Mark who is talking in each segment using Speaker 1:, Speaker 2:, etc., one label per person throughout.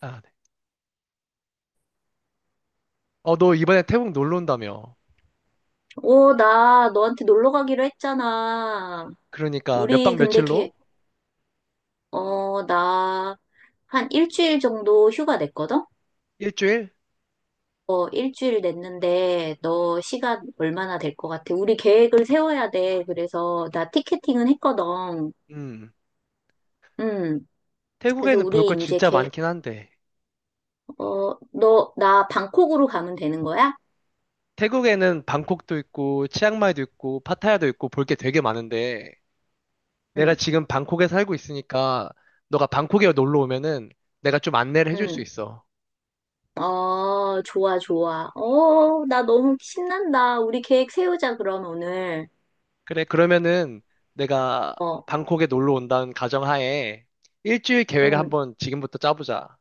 Speaker 1: 아, 네. 어, 너 이번에 태국 놀러 온다며.
Speaker 2: 어, 나 너한테 놀러 가기로 했잖아.
Speaker 1: 그러니까 몇
Speaker 2: 우리
Speaker 1: 박
Speaker 2: 근데
Speaker 1: 며칠로?
Speaker 2: 어, 나 한 일주일 정도 휴가 냈거든?
Speaker 1: 일주일?
Speaker 2: 어, 일주일 냈는데 너 시간 얼마나 될 것 같아? 우리 계획을 세워야 돼. 그래서 나 티켓팅은 했거든.
Speaker 1: 음.
Speaker 2: 음 그래서
Speaker 1: 태국에는
Speaker 2: 우리
Speaker 1: 볼 거
Speaker 2: 이제
Speaker 1: 진짜 많긴 한데.
Speaker 2: 어, 나 방콕으로 가면 되는 거야?
Speaker 1: 태국에는 방콕도 있고, 치앙마이도 있고, 파타야도 있고, 볼 게 되게 많은데. 내가
Speaker 2: 응,
Speaker 1: 지금 방콕에 살고 있으니까, 너가 방콕에 놀러 오면은 내가 좀 안내를 해줄 수
Speaker 2: 응.
Speaker 1: 있어.
Speaker 2: 어, 좋아, 좋아. 어, 나 너무 신난다. 우리 계획 세우자, 그럼 오늘.
Speaker 1: 그래, 그러면은 내가
Speaker 2: 어.
Speaker 1: 방콕에 놀러 온다는 가정하에 일주일 계획을
Speaker 2: 응.
Speaker 1: 한번 지금부터 짜보자.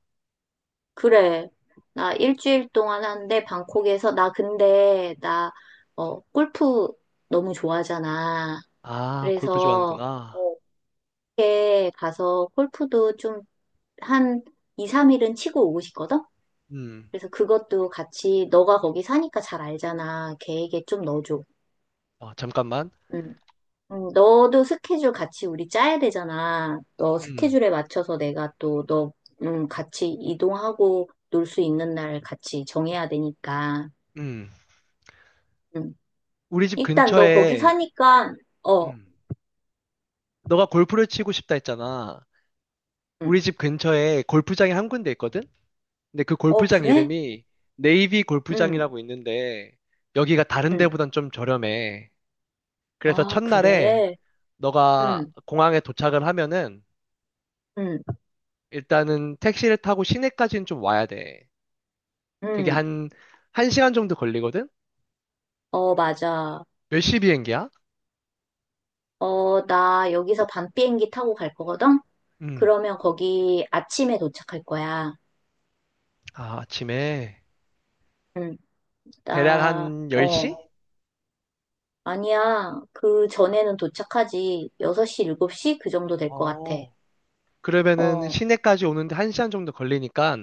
Speaker 2: 그래. 나 일주일 동안 한데 방콕에서 나 근데 나 어, 골프 너무 좋아하잖아.
Speaker 1: 아, 골프
Speaker 2: 그래서
Speaker 1: 좋아하는구나.
Speaker 2: 어, 이렇게 가서 골프도 좀 한 2, 3일은 치고 오고 싶거든?
Speaker 1: 음.
Speaker 2: 그래서 그것도 같이 너가 거기 사니까 잘 알잖아. 계획에 좀 넣어줘.
Speaker 1: 어, 잠깐만.
Speaker 2: 응. 응, 너도 스케줄 같이 우리 짜야 되잖아. 너
Speaker 1: 음.
Speaker 2: 스케줄에 맞춰서 내가 또 너, 응, 같이 이동하고 놀 수 있는 날 같이 정해야 되니까.
Speaker 1: 음.
Speaker 2: 응.
Speaker 1: 우리 집
Speaker 2: 일단 너 거기
Speaker 1: 근처에,
Speaker 2: 사니까, 어,
Speaker 1: 음. 너가 골프를 치고 싶다 했잖아. 우리 집 근처에 골프장이 한 군데 있거든? 근데 그
Speaker 2: 어,
Speaker 1: 골프장
Speaker 2: 그래?
Speaker 1: 이름이 네이비
Speaker 2: 응,
Speaker 1: 골프장이라고 있는데, 여기가 다른
Speaker 2: 응.
Speaker 1: 데보단 좀 저렴해. 그래서
Speaker 2: 아,
Speaker 1: 첫날에
Speaker 2: 그래?
Speaker 1: 너가
Speaker 2: 응,
Speaker 1: 공항에 도착을 하면은,
Speaker 2: 응,
Speaker 1: 일단은 택시를 타고 시내까지는 좀 와야 돼. 그게
Speaker 2: 응.
Speaker 1: 한, 한 시간 정도 걸리거든?
Speaker 2: 어, 맞아.
Speaker 1: 몇 시 비행기야?
Speaker 2: 어, 나 여기서 밤 비행기 타고 갈 거거든?
Speaker 1: 음.
Speaker 2: 그러면 거기 아침에 도착할 거야.
Speaker 1: 아, 아침에.
Speaker 2: 응,
Speaker 1: 대략
Speaker 2: 나,
Speaker 1: 한 10시?
Speaker 2: 어, 아니야. 그 전에는 도착하지. 6시, 7시? 그 정도 될 것 같아.
Speaker 1: 어. 그러면은
Speaker 2: 어,
Speaker 1: 시내까지 오는데 한시간 정도 걸리니까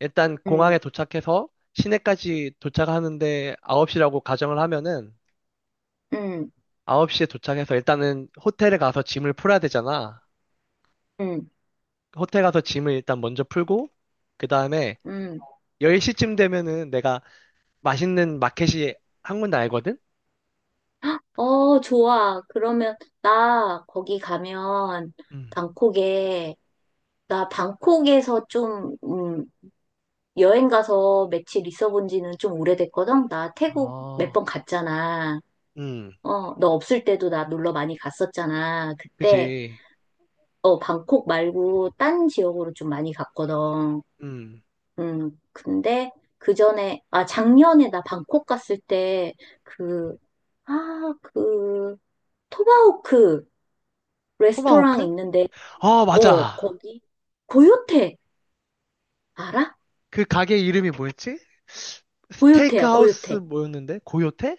Speaker 1: 일단 공항에
Speaker 2: 응,
Speaker 1: 도착해서 시내까지 도착하는데 9시라고 가정을 하면은
Speaker 2: 응,
Speaker 1: 9시에 도착해서 일단은 호텔에 가서 짐을 풀어야 되잖아.
Speaker 2: 응,
Speaker 1: 호텔 가서 짐을 일단 먼저 풀고 그다음에
Speaker 2: 응.
Speaker 1: 10시쯤 되면은 내가 맛있는 마켓이 한 군데 알거든?
Speaker 2: 어, 좋아. 그러면 나 거기 가면
Speaker 1: 음.
Speaker 2: 방콕에 나 방콕에서 좀 여행 가서 며칠 있어 본 지는 좀 오래됐거든. 나 태국 몇
Speaker 1: 아.
Speaker 2: 번 갔잖아.
Speaker 1: 음.
Speaker 2: 어, 너 없을 때도 나 놀러 많이 갔었잖아. 그때
Speaker 1: 그지.
Speaker 2: 어, 방콕 말고 딴 지역으로 좀 많이 갔거든.
Speaker 1: 음.
Speaker 2: 근데 그 전에 아 작년에 나 방콕 갔을 때 그 아, 그 토바호크 레스토랑
Speaker 1: 토마호크?
Speaker 2: 있는데
Speaker 1: 아,
Speaker 2: 어,
Speaker 1: 맞아.
Speaker 2: 거기, 고요태, 알아?
Speaker 1: 그 가게 이름이 뭐였지? 스테이크
Speaker 2: 고요태야,
Speaker 1: 하우스
Speaker 2: 고요태.
Speaker 1: 뭐였는데? 고요태?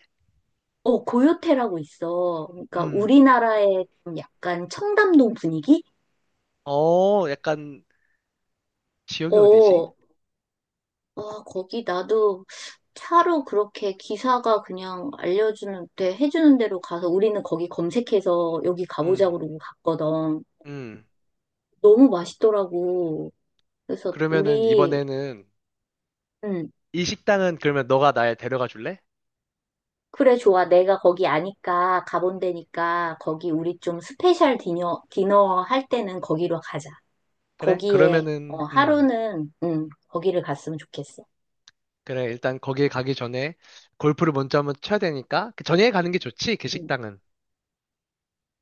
Speaker 2: 어, 고요태라고 있어. 그러니까
Speaker 1: 음.
Speaker 2: 우리나라의 좀 약간 청담동 분위기?
Speaker 1: 어, 약간 지역이 어디지?
Speaker 2: 어, 어, 거기 나도 차로 그렇게 기사가 그냥 알려주는, 데 해주는 대로 가서 우리는 거기 검색해서 여기 가보자
Speaker 1: 음.
Speaker 2: 그러고 갔거든.
Speaker 1: 음.
Speaker 2: 너무 맛있더라고. 그래서
Speaker 1: 그러면은
Speaker 2: 우리,
Speaker 1: 이번에는
Speaker 2: 음.
Speaker 1: 이 식당은 그러면 너가 날 데려가 줄래?
Speaker 2: 그래, 좋아. 내가 거기 아니까, 가본 데니까, 거기 우리 좀 스페셜 디너 할 때는 거기로 가자.
Speaker 1: 그래?
Speaker 2: 거기에,
Speaker 1: 그러면은
Speaker 2: 어, 하루는, 거기를 갔으면 좋겠어.
Speaker 1: 그래. 일단 거기에 가기 전에 골프를 먼저 한번 쳐야 되니까 그 전에 가는 게 좋지. 그
Speaker 2: 음.
Speaker 1: 식당은.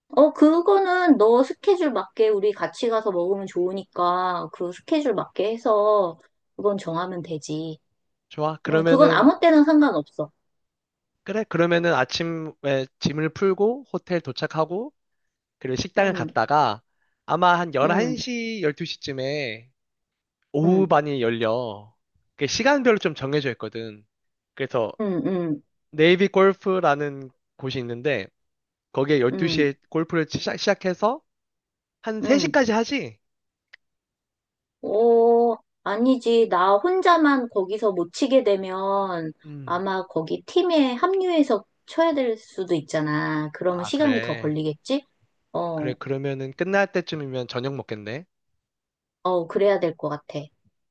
Speaker 2: 어, 그거는 너 스케줄 맞게 우리 같이 가서 먹으면 좋으니까, 그 스케줄 맞게 해서, 그건 정하면 되지.
Speaker 1: 좋아.
Speaker 2: 그건
Speaker 1: 그러면은
Speaker 2: 아무 때나 상관없어.
Speaker 1: 그래. 그러면은 아침에 짐을 풀고 호텔 도착하고 그리고 식당을
Speaker 2: 음,
Speaker 1: 갔다가 아마 한
Speaker 2: 음,
Speaker 1: 11시, 12시쯤에 오후
Speaker 2: 음,
Speaker 1: 반이 열려. 그 시간별로 좀 정해져 있거든. 그래서
Speaker 2: 음, 음, 음,
Speaker 1: 네이비 골프라는 곳이 있는데 거기에 12시에 골프를 시작해서 한
Speaker 2: 음, 음.
Speaker 1: 3시까지 하지?
Speaker 2: 어, 아니지. 나 혼자만 거기서 못 치게 되면
Speaker 1: 음.
Speaker 2: 아마 거기 팀에 합류해서 쳐야 될 수도 있잖아. 그러면
Speaker 1: 아,
Speaker 2: 시간이 더
Speaker 1: 그래.
Speaker 2: 걸리겠지?
Speaker 1: 그래,
Speaker 2: 어,
Speaker 1: 그러면은 끝날 때쯤이면 저녁 먹겠네.
Speaker 2: 어, 그래야 될 것 같아.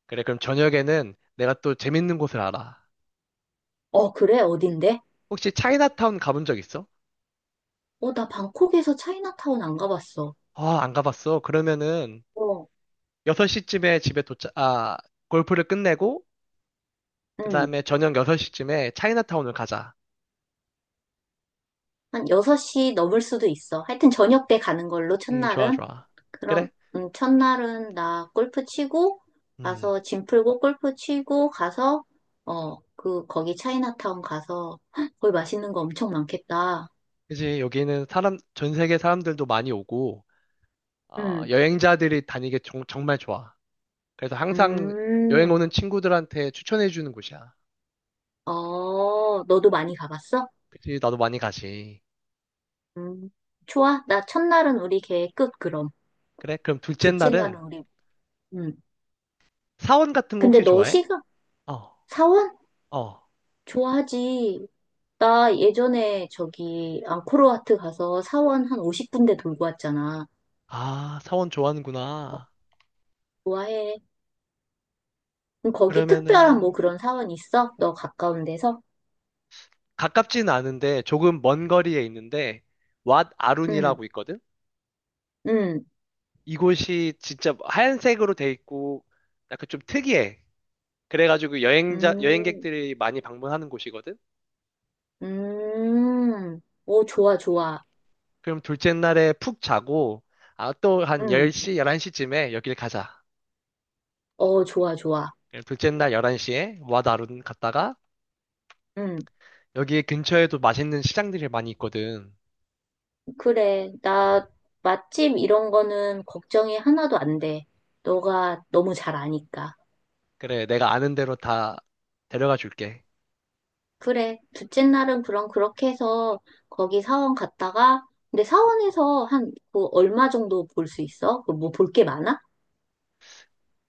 Speaker 1: 그래, 그럼 저녁에는 내가 또 재밌는 곳을 알아.
Speaker 2: 어, 그래? 어딘데?
Speaker 1: 혹시 차이나타운 가본 적 있어?
Speaker 2: 어, 나 방콕에서 차이나타운 안 가봤어.
Speaker 1: 아, 안 가봤어. 그러면은
Speaker 2: 어,
Speaker 1: 6시쯤에 집에 도착, 아, 골프를 끝내고
Speaker 2: 응.
Speaker 1: 그다음에 저녁 6시쯤에 차이나타운을 가자.
Speaker 2: 한 6시 넘을 수도 있어. 하여튼 저녁 때 가는 걸로,
Speaker 1: 좋아,
Speaker 2: 첫날은.
Speaker 1: 좋아.
Speaker 2: 그럼,
Speaker 1: 그래?
Speaker 2: 첫날은 나 골프 치고,
Speaker 1: 음.
Speaker 2: 가서 짐 풀고 골프 치고, 가서, 어, 그, 거기 차이나타운 가서, 헉, 거기 맛있는 거 엄청 많겠다.
Speaker 1: 그지, 여기는 전 세계 사람들도 많이 오고, 어,
Speaker 2: 음,
Speaker 1: 여행자들이 다니기 정말 좋아. 그래서 항상 여행
Speaker 2: 음,
Speaker 1: 오는 친구들한테 추천해 주는 곳이야.
Speaker 2: 어, 너도 많이 가봤어?
Speaker 1: 그치, 나도 많이 가지.
Speaker 2: 음, 좋아. 나 첫날은 우리 계획 끝, 그럼.
Speaker 1: 그래? 그럼 둘째
Speaker 2: 둘째
Speaker 1: 날은
Speaker 2: 날은 우리, 음.
Speaker 1: 사원 같은 거
Speaker 2: 근데
Speaker 1: 혹시
Speaker 2: 너
Speaker 1: 좋아해?
Speaker 2: 시간,
Speaker 1: 어,
Speaker 2: 사원?
Speaker 1: 어.
Speaker 2: 좋아하지. 나 예전에 저기, 앙코르와트 가서 사원 한 50군데 돌고 왔잖아.
Speaker 1: 아, 사원
Speaker 2: 어,
Speaker 1: 좋아하는구나.
Speaker 2: 좋아해. 그럼 거기 특별한 뭐
Speaker 1: 그러면은
Speaker 2: 그런 사원 있어? 너 가까운 데서?
Speaker 1: 가깝지는 않은데 조금 먼 거리에 있는데 왓
Speaker 2: 응,
Speaker 1: 아룬이라고 있거든?
Speaker 2: 응,
Speaker 1: 이곳이 진짜 하얀색으로 돼 있고 약간 좀 특이해. 그래가지고
Speaker 2: 음,
Speaker 1: 여행객들이 많이 방문하는 곳이거든?
Speaker 2: 오, 좋아, 좋아.
Speaker 1: 그럼 둘째 날에 푹 자고, 아, 또 한
Speaker 2: 응,
Speaker 1: 10시, 11시쯤에 여길 가자.
Speaker 2: 어, 좋아, 좋아.
Speaker 1: 그럼 둘째 날 11시에 와다룬 갔다가,
Speaker 2: 응,
Speaker 1: 여기 근처에도 맛있는 시장들이 많이 있거든.
Speaker 2: 그래. 나 맛집 이런 거는 걱정이 하나도 안 돼. 너가 너무 잘 아니까.
Speaker 1: 그래, 내가 아는 대로 다 데려가 줄게.
Speaker 2: 그래. 둘째 날은 그럼 그렇게 해서 거기 사원 갔다가, 근데 사원에서 한, 그 얼마 정도 볼 수 있어? 뭐 볼 게 많아?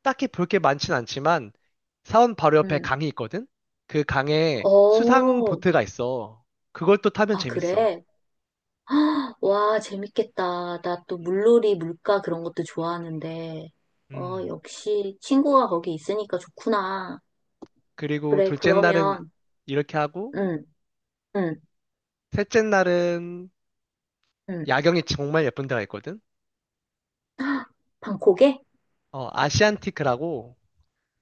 Speaker 1: 딱히 볼 게 많진 않지만, 사원 바로 옆에
Speaker 2: 응,
Speaker 1: 강이 있거든? 그 강에 수상
Speaker 2: 어,
Speaker 1: 보트가 있어. 그걸 또 타면
Speaker 2: 아,
Speaker 1: 재밌어.
Speaker 2: 그래. 와, 재밌겠다. 나 또 물놀이, 물가 그런 것도 좋아하는데, 어,
Speaker 1: 음.
Speaker 2: 역시 친구가 거기 있으니까 좋구나.
Speaker 1: 그리고
Speaker 2: 그래,
Speaker 1: 둘째 날은
Speaker 2: 그러면,
Speaker 1: 이렇게 하고,
Speaker 2: 응, 응,
Speaker 1: 셋째 날은
Speaker 2: 응.
Speaker 1: 야경이 정말 예쁜 데가 있거든?
Speaker 2: 방콕에?
Speaker 1: 어, 아시안티크라고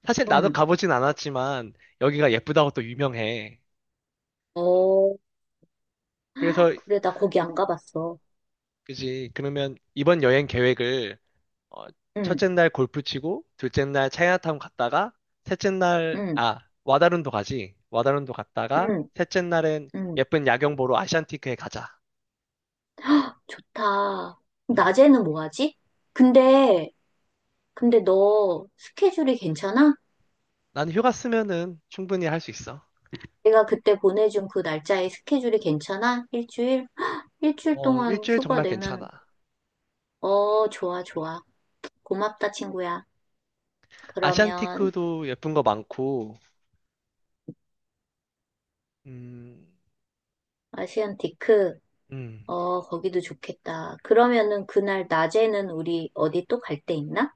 Speaker 1: 사실 나도
Speaker 2: 응.
Speaker 1: 가보진 않았지만 여기가 예쁘다고 또 유명해.
Speaker 2: 어,
Speaker 1: 그래서
Speaker 2: 그래, 나 거기 안 가봤어.
Speaker 1: 그지. 그러면 이번 여행 계획을 어,
Speaker 2: 응,
Speaker 1: 첫째 날 골프 치고 둘째 날 차이나타운 갔다가 셋째 날
Speaker 2: 응,
Speaker 1: 아, 와다룬도 가지. 와다룬도 갔다가
Speaker 2: 응,
Speaker 1: 셋째 날엔
Speaker 2: 응.
Speaker 1: 예쁜 야경 보러 아시안티크에 가자.
Speaker 2: 좋다. 낮에는 뭐 하지? 근데, 근데 너 스케줄이 괜찮아?
Speaker 1: 난 휴가 쓰면은 충분히 할 수 있어.
Speaker 2: 내가 그때 보내준 그 날짜에 스케줄이 괜찮아? 일주일? 일주일
Speaker 1: 어,
Speaker 2: 동안
Speaker 1: 일주일
Speaker 2: 휴가
Speaker 1: 정말 괜찮아.
Speaker 2: 내면 어, 좋아, 좋아. 고맙다, 친구야. 그러면
Speaker 1: 아시안티크도 예쁜 거 많고, 음,
Speaker 2: 아시안 디크,
Speaker 1: 음,
Speaker 2: 어, 거기도 좋겠다. 그러면은 그날 낮에는 우리 어디 또 갈데 있나?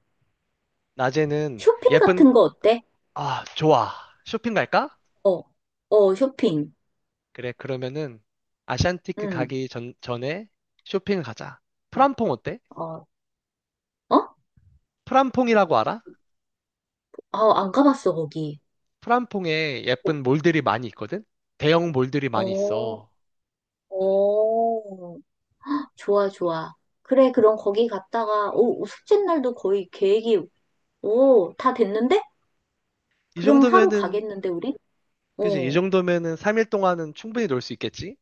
Speaker 1: 낮에는
Speaker 2: 쇼핑
Speaker 1: 예쁜,
Speaker 2: 같은 거 어때?
Speaker 1: 아, 좋아. 쇼핑 갈까?
Speaker 2: 어, 어, 쇼핑.
Speaker 1: 그래, 그러면은 아시안티크
Speaker 2: 응,
Speaker 1: 가기 전에 쇼핑을 가자. 프람퐁 어때?
Speaker 2: 어, 어?
Speaker 1: 프람퐁이라고 알아?
Speaker 2: 아, 안 가봤어, 거기.
Speaker 1: 프람퐁에 예쁜 몰들이 많이 있거든? 대형 몰들이 많이
Speaker 2: 어,
Speaker 1: 있어.
Speaker 2: 어, 좋아, 좋아. 그래, 그럼 거기 갔다가, 오, 숙제 날도 거의 계획이, 오, 다 됐는데?
Speaker 1: 이
Speaker 2: 그럼 하루
Speaker 1: 정도면은,
Speaker 2: 가겠는데, 우리?
Speaker 1: 그지? 이
Speaker 2: 어.
Speaker 1: 정도면은 3일 동안은 충분히 놀 수 있겠지?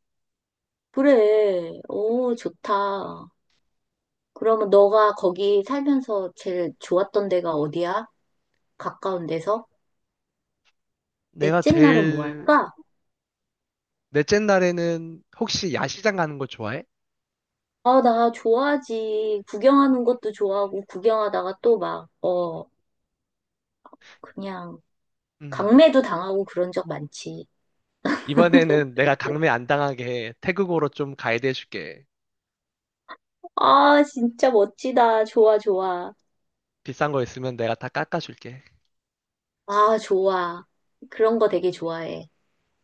Speaker 2: 그래. 오, 좋다. 그러면 너가 거기 살면서 제일 좋았던 데가 어디야? 가까운 데서?
Speaker 1: 내가
Speaker 2: 넷째 날은 뭐
Speaker 1: 제일,
Speaker 2: 할까?
Speaker 1: 넷째 날에는 혹시 야시장 가는 거 좋아해?
Speaker 2: 아, 나 좋아하지. 구경하는 것도 좋아하고, 구경하다가 또 막, 어, 그냥,
Speaker 1: 음.
Speaker 2: 강매도 당하고 그런 적 많지.
Speaker 1: 이번에는 내가 강매 안 당하게 태국어로 좀 가이드 해줄게.
Speaker 2: 아, 진짜 멋지다. 좋아, 좋아.
Speaker 1: 비싼 거 있으면 내가 다 깎아줄게.
Speaker 2: 아, 좋아. 그런 거 되게 좋아해.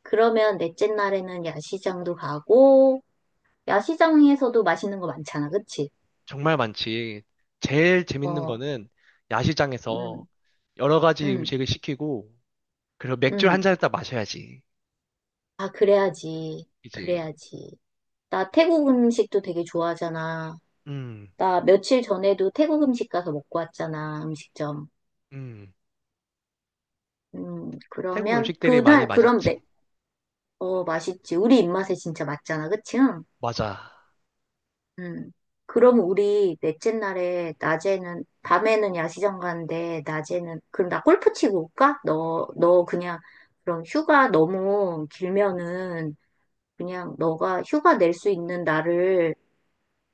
Speaker 2: 그러면 넷째 날에는 야시장도 가고, 야시장에서도 맛있는 거 많잖아. 그치?
Speaker 1: 정말 많지. 제일 재밌는
Speaker 2: 어.
Speaker 1: 거는 야시장에서
Speaker 2: 음.
Speaker 1: 여러 가지
Speaker 2: 응,
Speaker 1: 음식을 시키고, 그리고 맥주 한
Speaker 2: 응.
Speaker 1: 잔을 딱 마셔야지.
Speaker 2: 아, 그래야지.
Speaker 1: 이제,
Speaker 2: 그래야지. 나 태국 음식도 되게 좋아하잖아.
Speaker 1: 음,
Speaker 2: 나 며칠 전에도 태국 음식 가서 먹고 왔잖아, 음식점.
Speaker 1: 음. 태국
Speaker 2: 그러면,
Speaker 1: 음식들이 많이
Speaker 2: 그날, 그럼
Speaker 1: 맛있지.
Speaker 2: 내, 어, 맛있지. 우리 입맛에 진짜 맞잖아, 그치? 응.
Speaker 1: 맞아.
Speaker 2: 음. 그럼 우리 넷째 날에, 낮에는, 밤에는 야시장 가는데, 낮에는, 그럼 나 골프 치고 올까? 너 그냥, 그럼 휴가 너무 길면은, 그냥 너가 휴가 낼 수 있는 날을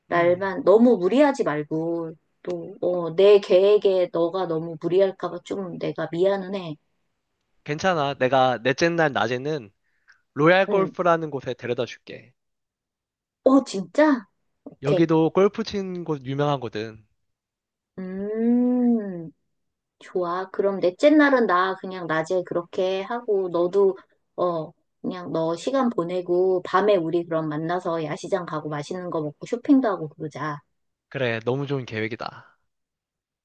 Speaker 1: 음.
Speaker 2: 날만 너무 무리하지 말고 또, 어, 내 계획에 너가 너무 무리할까 봐 좀 내가 미안은 해.
Speaker 1: 괜찮아. 내가 넷째 날 낮에는 로얄
Speaker 2: 응.
Speaker 1: 골프라는 곳에 데려다 줄게.
Speaker 2: 어, 진짜? 오케이.
Speaker 1: 여기도 골프 치는 곳 유명하거든.
Speaker 2: 음, 좋아. 그럼 넷째 날은 나 그냥 낮에 그렇게 하고 너도 어, 그냥 너 시간 보내고 밤에 우리 그럼 만나서 야시장 가고 맛있는 거 먹고 쇼핑도 하고 그러자.
Speaker 1: 그래, 너무 좋은 계획이다.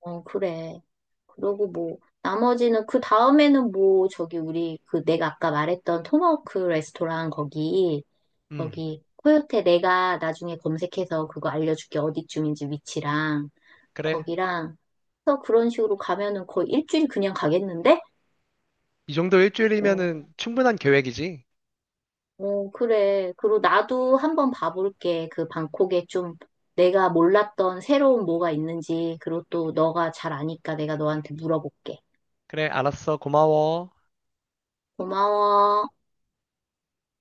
Speaker 2: 어, 그래. 그러고 뭐 나머지는 그 다음에는 뭐 저기 우리 그 내가 아까 말했던 토마호크 레스토랑 거기
Speaker 1: 음,
Speaker 2: 거기 코요테 내가 나중에 검색해서 그거 알려줄게. 어디쯤인지 위치랑
Speaker 1: 그래.
Speaker 2: 거기랑 그래서 그런 식으로 가면은 거의 일주일 그냥 가겠는데?
Speaker 1: 이 정도 일주일이면은
Speaker 2: 어,
Speaker 1: 충분한 계획이지.
Speaker 2: 어, 그래. 그리고 나도 한번 봐볼게. 그 방콕에 좀 내가 몰랐던 새로운 뭐가 있는지 그리고 또 너가 잘 아니까 내가 너한테 물어볼게.
Speaker 1: 그래, 알았어. 고마워.
Speaker 2: 고마워.